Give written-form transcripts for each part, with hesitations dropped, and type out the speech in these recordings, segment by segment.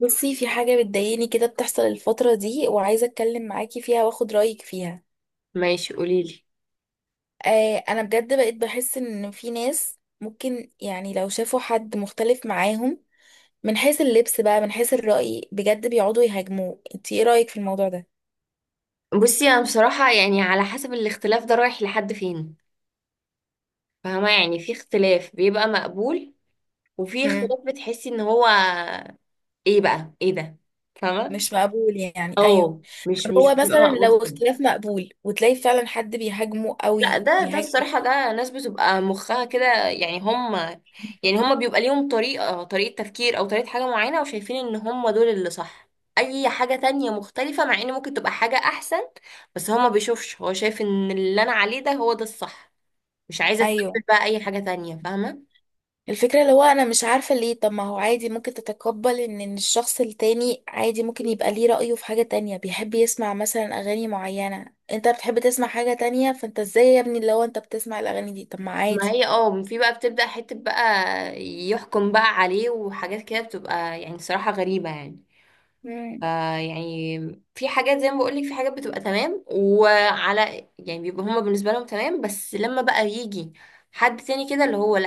بصي، في حاجة بتضايقني كده بتحصل الفترة دي وعايزة اتكلم معاكي فيها واخد رأيك فيها. ماشي، قوليلي. آه انا بجد بقيت بحس ان في ناس ممكن يعني لو شافوا حد مختلف معاهم من حيث اللبس بقى، من حيث الرأي، بجد بيقعدوا يهاجموه. انتي ايه رأيك في الموضوع ده؟ بصي، انا بصراحة يعني على حسب الاختلاف ده رايح لحد فين. فاهمة؟ يعني في اختلاف بيبقى مقبول، وفي مم. اختلاف بتحسي ان هو ايه بقى، ايه ده؟ فاهمة. مش مقبول يعني، ايوه. اه، مش هو بيبقى مثلا مقبول لو خالص. اختلاف مقبول وتلاقي فعلا حد بيهاجمه لا، قوي ده بيهاجم. الصراحة ده ناس بتبقى مخها كده، يعني هم، يعني هم بيبقى ليهم طريقة تفكير او طريقة حاجة معينة، وشايفين ان هم دول اللي صح. اي حاجة تانية مختلفة، مع ان ممكن تبقى حاجة احسن، بس هو ما بيشوفش، هو شايف ان اللي انا عليه ده هو ده الصح. مش عايزة ايوه. تقبل بقى أي حاجة تانية، فاهمة؟ الفكرة اللي هو انا مش عارفة ليه، طب ما هو عادي ممكن تتقبل ان إن الشخص التاني عادي ممكن يبقى ليه رأيه في حاجة تانية. بيحب يسمع مثلا اغاني معينة، انت بتحب تسمع حاجة تانية، فانت ازاي يا ابني اللي هو انت بتسمع الاغاني دي؟ طب ما ما عادي. هي اه، في بقى بتبدأ حتة بقى يحكم بقى عليه، وحاجات كده بتبقى يعني صراحة غريبة يعني. مم. فا يعني في حاجات، زي ما بقولك، في حاجات بتبقى تمام، وعلى يعني بيبقى هما بالنسبة لهم تمام، بس لما بقى يجي حد تاني كده اللي هو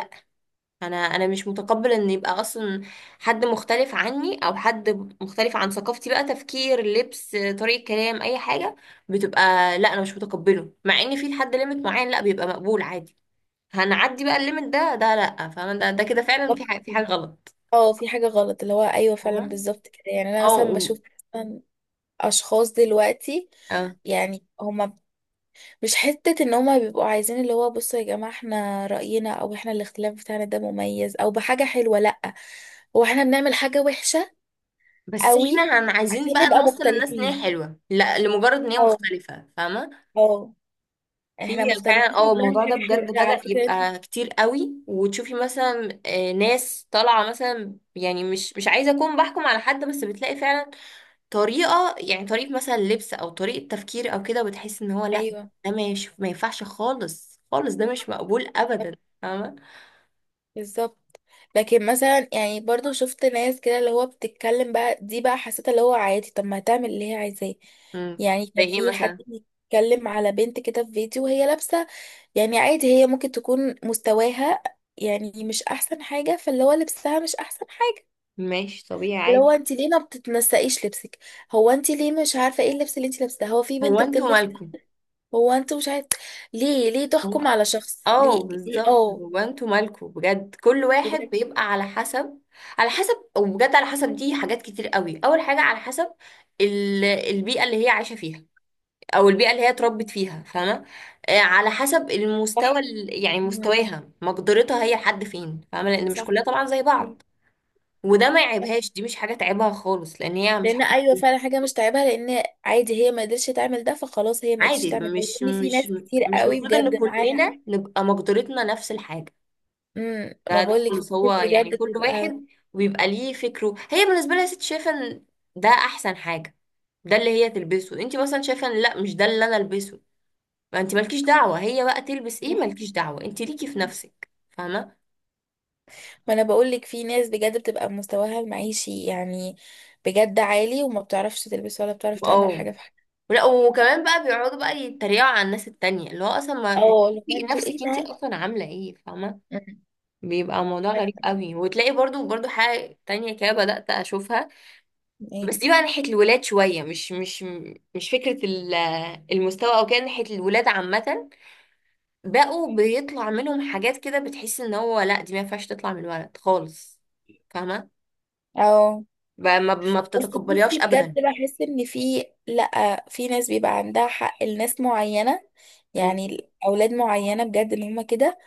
انا مش متقبل ان يبقى اصلا حد مختلف عني، او حد مختلف عن ثقافتي، بقى تفكير، لبس، طريقة كلام، اي حاجة بتبقى، لا انا مش متقبله. مع ان في لحد ليميت معين لا بيبقى مقبول عادي، هنعدي بقى الليميت ده، ده لا، فاهمة؟ ده ده كده فعلا طب في حاجة، في حاجة غلط، اه، في حاجة غلط اللي هو، ايوه فعلا فاهمة؟ بالظبط كده. يعني انا اه مثلا و- بشوف مثلا اشخاص دلوقتي اه، يعني هما مش حتة ان هما بيبقوا عايزين اللي هو بصوا يا جماعة احنا رأينا، او احنا الاختلاف بتاعنا ده مميز او بحاجة حلوة. لأ، هو احنا بنعمل حاجة وحشة بس قوي احنا هن عشان عايزين بقى نبقى نوصل الناس ان هي مختلفين. حلوة، لا لمجرد ان هي اه. مختلفة، فاهمة؟ اه، في احنا فعلا، مختلفين اه، وبنعمل الموضوع ده حاجة حلوة بجد لا على بدأ فكرة انت. يبقى كتير قوي، وتشوفي مثلا ناس طالعة مثلا، يعني مش عايزة أكون بحكم على حد، بس بتلاقي فعلا طريقة، يعني طريقة مثلا لبس أو طريقة تفكير أو كده، وبتحس إن هو لأ، ايوه ده ما ينفعش خالص، خالص ده مش مقبول أبدا، فاهمة؟ بالظبط. لكن مثلا يعني برضو شفت ناس كده اللي هو بتتكلم بقى دي، بقى حسيت اللي هو عادي، طب ما هتعمل اللي هي عايزاه. امم. يعني زي كان ايه في حد مثلا؟ بيتكلم على بنت كده في فيديو وهي لابسة. يعني عادي هي ممكن تكون مستواها يعني مش احسن حاجة، فاللي هو لبسها مش احسن حاجة. ماشي، طبيعي، اللي هو عادي. انت ليه ما بتتنسقيش لبسك؟ هو انت ليه مش عارفة ايه اللبس اللي انت لابساه؟ هو في هو بنت انتوا بتلبس. مالكم؟ هو انت مش عارف ليه تحكم على شخص، اه ليه؟ ليه؟ بالظبط، اه. هو انتوا مالكوا بجد؟ كل واحد بجد. بيبقى على حسب، على حسب، وبجد على حسب، دي حاجات كتير قوي. اول حاجه على حسب البيئه اللي هي عايشه فيها، او البيئه اللي هي اتربت فيها، فاهمه؟ على حسب المستوى صح. يعني مم. مستواها، مقدرتها هي لحد فين، فاهمه؟ لان مش صح. كلها طبعا زي بعض، وده ما يعيبهاش، دي مش حاجه تعيبها خالص، لان هي مش لان، حاجة ايوه فعلا، حاجه مش تعبها، لان عادي هي ما قدرتش تعمل ده، فخلاص هي ما قدرتش عادي. تعمل ده. مش لان في مش ناس كتير مش قوي المفروض بجد ان معاها. كلنا نبقى مقدرتنا نفس الحاجه. ما ده بقول لك في خالص، هو ناس يعني بجد كل بتبقى، واحد ويبقى ليه فكره. هي بالنسبه لها يا ست شايفه ان ده احسن حاجه، ده اللي هي تلبسه. انت مثلا شايفه ان لا، مش ده اللي انا البسه، فانت مالكيش دعوه هي بقى تلبس ايه، مالكيش دعوه، انت ليكي في نفسك، فاهمه؟ ما انا بقول لك في ناس بجد بتبقى مستواها المعيشي يعني بجد عالي، وما بتعرفش تلبس ولا بتعرف تعمل اه، حاجه في حاجه. لا، وكمان بقى بيقعدوا بقى يتريقوا على الناس التانية، اللي هو اصلا ما اه، ما لو تشوفي انتوا ايه نفسك انت ده. اصلا عامله ايه، فاهمه؟ أمم. بيبقى موضوع غريب ف- قوي، وتلاقي برضو برضو حاجه تانية كده بدات اشوفها. ايه. بس دي بقى ناحية الولاد، شوية مش مش فكرة المستوى او كده، ناحية الولاد عامة بقوا بيطلع منهم حاجات كده، بتحس ان هو لا، دي ما ينفعش تطلع من الولد خالص، فاهمة؟ اه. بقى ما بس بتتقبليهاش بصي، بجد ابدا. بحس ان في، لا في ناس بيبقى عندها حق لناس معينه، امم. يعني اولاد معينه بجد ان هم كده.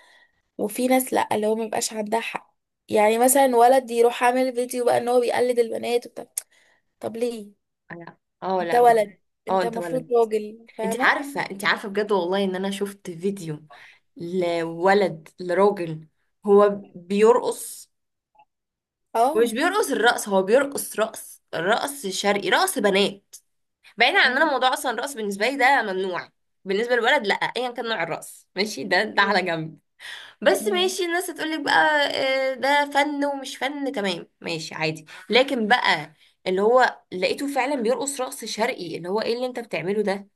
وفي ناس لأ اللي هو مبيبقاش عندها حق. يعني مثلا ولد يروح عامل فيديو بقى ان هو بيقلد البنات وبتاع، طب ليه؟ لا، اه، انت لا بت- ولد، اه انت انت المفروض ولد. راجل، انت فاهمة؟ عارفة انت عارفة بجد والله ان انا شفت فيديو لولد، لراجل، هو بيرقص، اه. ومش بيرقص الرقص، هو بيرقص رقص، رقص شرقي، رقص بنات. بعيدا عن ان انا أمم، موضوع اصلا الرقص بالنسبه لي ده ممنوع، بالنسبه للولد لا، ايا كان نوع الرقص، ماشي، ده على أيوة. جنب. بس أمم. ماشي، الناس هتقولك بقى ده فن، ومش فن، تمام، ماشي عادي. لكن بقى اللي هو لقيته فعلا بيرقص رقص شرقي، اللي هو ايه اللي انت بتعمله ده،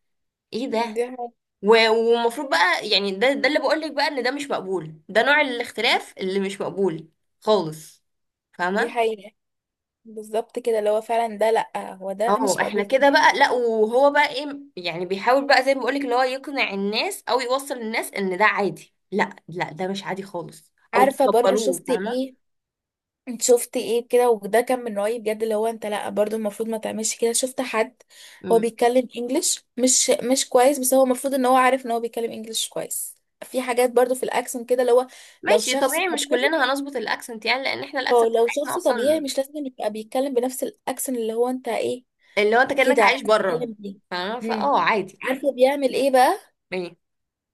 ايه ده؟ دي حاجة. والمفروض بقى، يعني ده اللي بقولك بقى ان ده مش مقبول، ده نوع الاختلاف اللي مش مقبول خالص، دي فاهمه؟ حقيقة. بالظبط كده، اللي هو فعلا ده لأ، هو ده اه، مش احنا مقبول. كده بقى، لا. وهو بقى ايه يعني؟ بيحاول بقى زي ما بقولك، اللي هو يقنع الناس او يوصل الناس ان ده عادي. لا لا، ده مش عادي خالص، او عارفة برضو تقبلوه، شفت فاهمه؟ ايه؟ انت شفت ايه كده وده كان من رأيي بجد، اللي هو انت لا برضو المفروض ما تعملش كده. شفت حد هو مم. بيتكلم انجليش مش كويس، بس هو المفروض ان هو عارف ان هو بيتكلم انجليش كويس. في حاجات برضو في الاكسنت كده، اللي هو لو ماشي، شخص طبيعي، مش طبيعي، كلنا هنظبط الاكسنت، يعني لان احنا هو الاكسنت لو بتاعتنا شخص طبيعي اصلا، مش لازم يبقى بيتكلم بنفس الاكسنت اللي هو انت ايه اللي هو انت كانك كده عايز عايش بره، تتكلم بيه. فاهمه؟ امم. فاه، عادي. عارفه بيعمل ايه بقى؟ ايه؟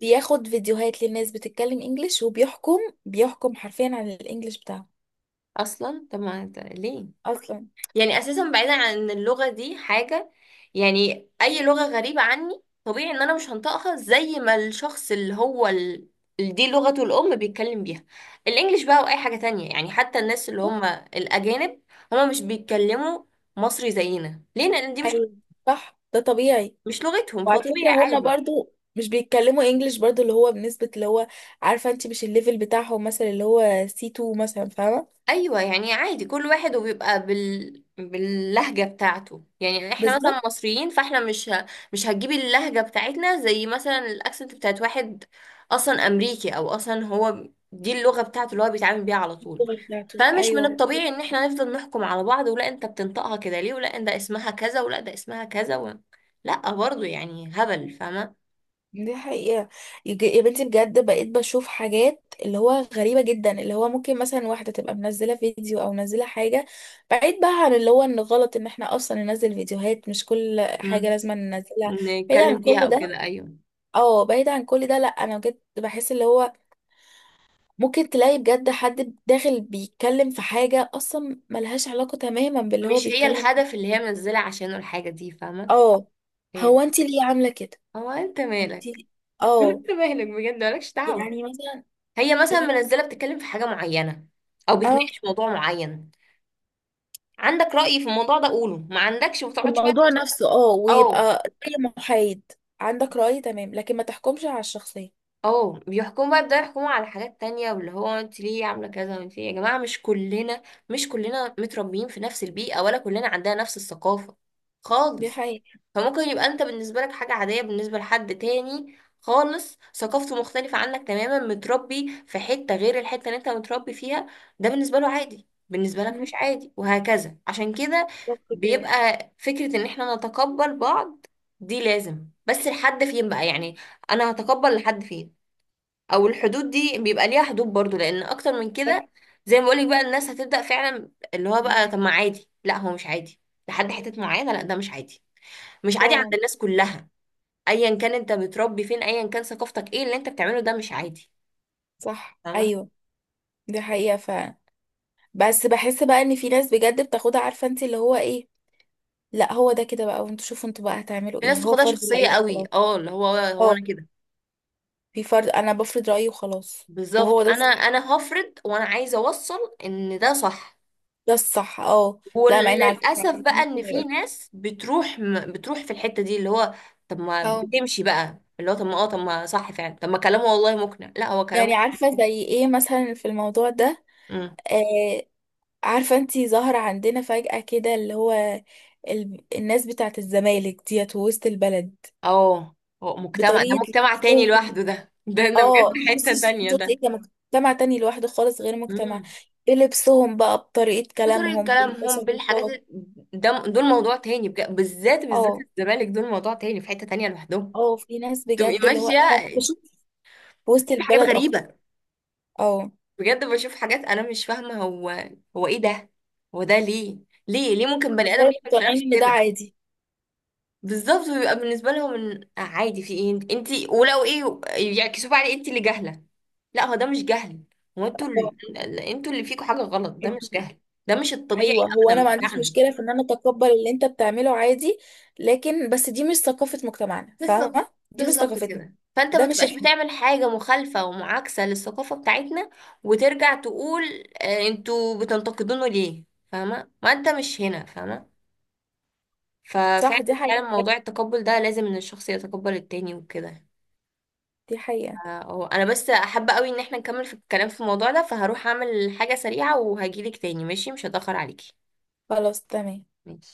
بياخد فيديوهات للناس بتتكلم انجليش وبيحكم، بيحكم حرفيا عن الانجليش بتاعه. اصلا طب ما انت ليه؟ اصلا. يعني اساسا، بعيدا عن ان اللغه دي حاجه، يعني اي لغه غريبه عني، طبيعي ان انا مش هنطقها زي ما الشخص اللي هو ال... اللي دي لغته الام بيتكلم بيها. الانجليش بقى واي حاجه تانية، يعني حتى الناس اللي هم الاجانب، هم مش بيتكلموا مصري زينا. ليه؟ لان دي مش ايوه صح، ده طبيعي. مش لغتهم، وعلى فكرة فطبيعي، هما عادي. برضو مش بيتكلموا انجليش برضو اللي هو بنسبة اللي هو عارفة انت مش الليفل بتاعهم مثلا، اللي هو سي C2 مثلا، فاهمة؟ ايوه يعني عادي، كل واحد وبيبقى بال... باللهجه بتاعته. يعني احنا مثلا بالظبط. مصريين، فاحنا مش ه... مش هتجيبي اللهجه بتاعتنا زي مثلا الاكسنت بتاعت واحد اصلا امريكي، او اصلا هو دي اللغه بتاعته اللي هو بيتعامل بيها على طول. اللغة بتاعته، فمش من ايوه الطبيعي بالظبط. ان احنا نفضل نحكم على بعض، ولا انت بتنطقها كده ليه، ولا ده اسمها كذا، ولا ده اسمها كذا و... لا، برضو يعني هبل، فاهمه؟ دي حقيقة. يا بنتي بجد بقيت بشوف حاجات اللي هو غريبة جدا، اللي هو ممكن مثلا واحدة تبقى منزلة فيديو او منزلة حاجة بعيد بقى عن اللي هو ان غلط ان احنا اصلا ننزل فيديوهات، مش كل حاجة مم. لازم ننزلها. بعيد عن نتكلم فيها كل او ده، كده، ايوه، اه بعيد عن كل ده، لا انا بجد بحس اللي هو ممكن تلاقي بجد حد داخل بيتكلم في حاجة أصلا ملهاش علاقة تماما باللي هو مش هي بيتكلم. الهدف اللي هي منزله عشانه الحاجه دي، فاهمه؟ اه. هو انت ليه عاملة كده؟ هو انت انت. مالك؟ اه. انت مالك بجد، مالكش دعوة. يعني مثلا، هي مثلا منزلة بتتكلم في حاجة معينة، او اه، بتناقش موضوع معين. عندك رأي في الموضوع ده قوله، ما عندكش ما في تقعدش بقى الموضوع نفسه، اه، اه. ويبقى زي محايد. عندك رأي، تمام، لكن ما تحكمش على الشخصية. اه، بيحكموا بقى، يبدأوا يحكموا على حاجات تانية، واللي هو انت ليه عاملة كذا، وانت ليه. يا جماعة، مش كلنا متربيين في نفس البيئة، ولا كلنا عندنا نفس الثقافة دي خالص. حقيقة. فممكن يبقى انت بالنسبة لك حاجة عادية، بالنسبة لحد تاني خالص ثقافته مختلفة عنك تماما، متربي في حتة غير الحتة اللي انت متربي فيها، ده بالنسبة له عادي، بالنسبة لك مش مم. عادي، وهكذا. عشان كده بالظبط كده. بيبقى فكرة ان احنا نتقبل بعض دي لازم، بس لحد فين بقى يعني، انا هتقبل لحد فين؟ او الحدود دي بيبقى ليها حدود برضو، لان اكتر من صح. كده، زي ما بقولك بقى، الناس هتبدأ فعلا، اللي هو بقى مم. طب ما عادي، لا هو مش عادي، لحد حتة معينة. لا، ده مش عادي، مش عادي عند فعلا. الناس كلها، ايا كان انت بتربي فين، ايا كان ثقافتك، ايه اللي انت بتعمله ده مش عادي، صح، فاهمة؟ ايوه. دي حقيقة فعلا. بس بحس بقى ان في ناس بجد بتاخدها عارفة انت اللي هو ايه، لا هو ده كده بقى، وانتوا شوفوا انتوا بقى هتعملوا في ايه، ناس هو تاخدها فرض شخصية رأيي قوي، خلاص. اه، اللي هو اه. انا كده. في فرض، انا بفرض رأيي وخلاص. بالظبط، وهو ده انا الصح. انا هفرض، وانا عايزة اوصل ان ده صح. ده الصح، اه. لا مع ان على فكرة يعني وللاسف بقى ممكن ان ما في يبقاش. ناس بتروح بتروح في الحته دي، اللي هو طب ما اه. بتمشي بقى، اللي هو طب ما اه، طب ما صح فعلا، طب ما كلامه والله مقنع، لا هو يعني كلامه. عارفة زي ايه مثلا في الموضوع ده. امم. آه. عارفة انتي ظهر عندنا فجأة كده اللي هو الناس بتاعة الزمالك ديت وسط البلد. اه، هو مجتمع، ده بطريقة مجتمع تاني لبسهم. لوحده ده. ده اه، بجد حته بصي تانيه بصي ده. ايه ده. مجتمع تاني لوحده خالص غير مجتمع. امم. بلبسهم بقى، بطريقة بطريقه كلامهم، كلامهم، بالحاجات بالتصرفات. ده دول موضوع تاني بجد، بالذات بالذات اه. الزمالك، دول موضوع تاني، في حته تانيه لوحدهم. اه، في ناس تبقي بجد اللي هو ماشيه. هفرشه في وسط في حاجات البلد اكتر. غريبه اه. بجد، بشوف حاجات انا مش فاهمه هو ايه ده، هو ده ليه؟ ليه ممكن بني ازاي ادم يعمل في نفسه مقتنعين ان ده كده؟ عادي؟ بالظبط، بيبقى بالنسبه لهم ان عادي، في ايه؟ انت ولو ايه، يعكسوا بقى عليه انت اللي جاهله. لا، هو ده مش جهل، هو انتوا اه، انتوا اللي فيكوا حاجه غلط، ده مش انتوا. جهل، ده مش الطبيعي ايوه، هو انا ابدا ما عنديش بتاعنا. مشكله في ان انا اتقبل اللي انت بتعمله عادي، لكن بس دي مش ثقافه مجتمعنا، بالظبط، فاهمه؟ دي مش بالظبط ثقافتنا، كده، فانت ما ده مش تبقاش احنا. بتعمل حاجه مخالفه ومعاكسه للثقافه بتاعتنا، وترجع تقول انتوا بتنتقدونه ليه. فاهمه؟ ما انت مش هنا، فاهمه؟ صح، دي ففعلا، حقيقه فعلا، بجد، موضوع التقبل ده لازم ان الشخص يتقبل التاني وكده. دي حقيقه. اه، انا بس حابة قوي ان احنا نكمل في الكلام في الموضوع ده، فهروح اعمل حاجة سريعة وهجيلك تاني، ماشي؟ مش هتأخر عليكي. خلاص تمام. ماشي.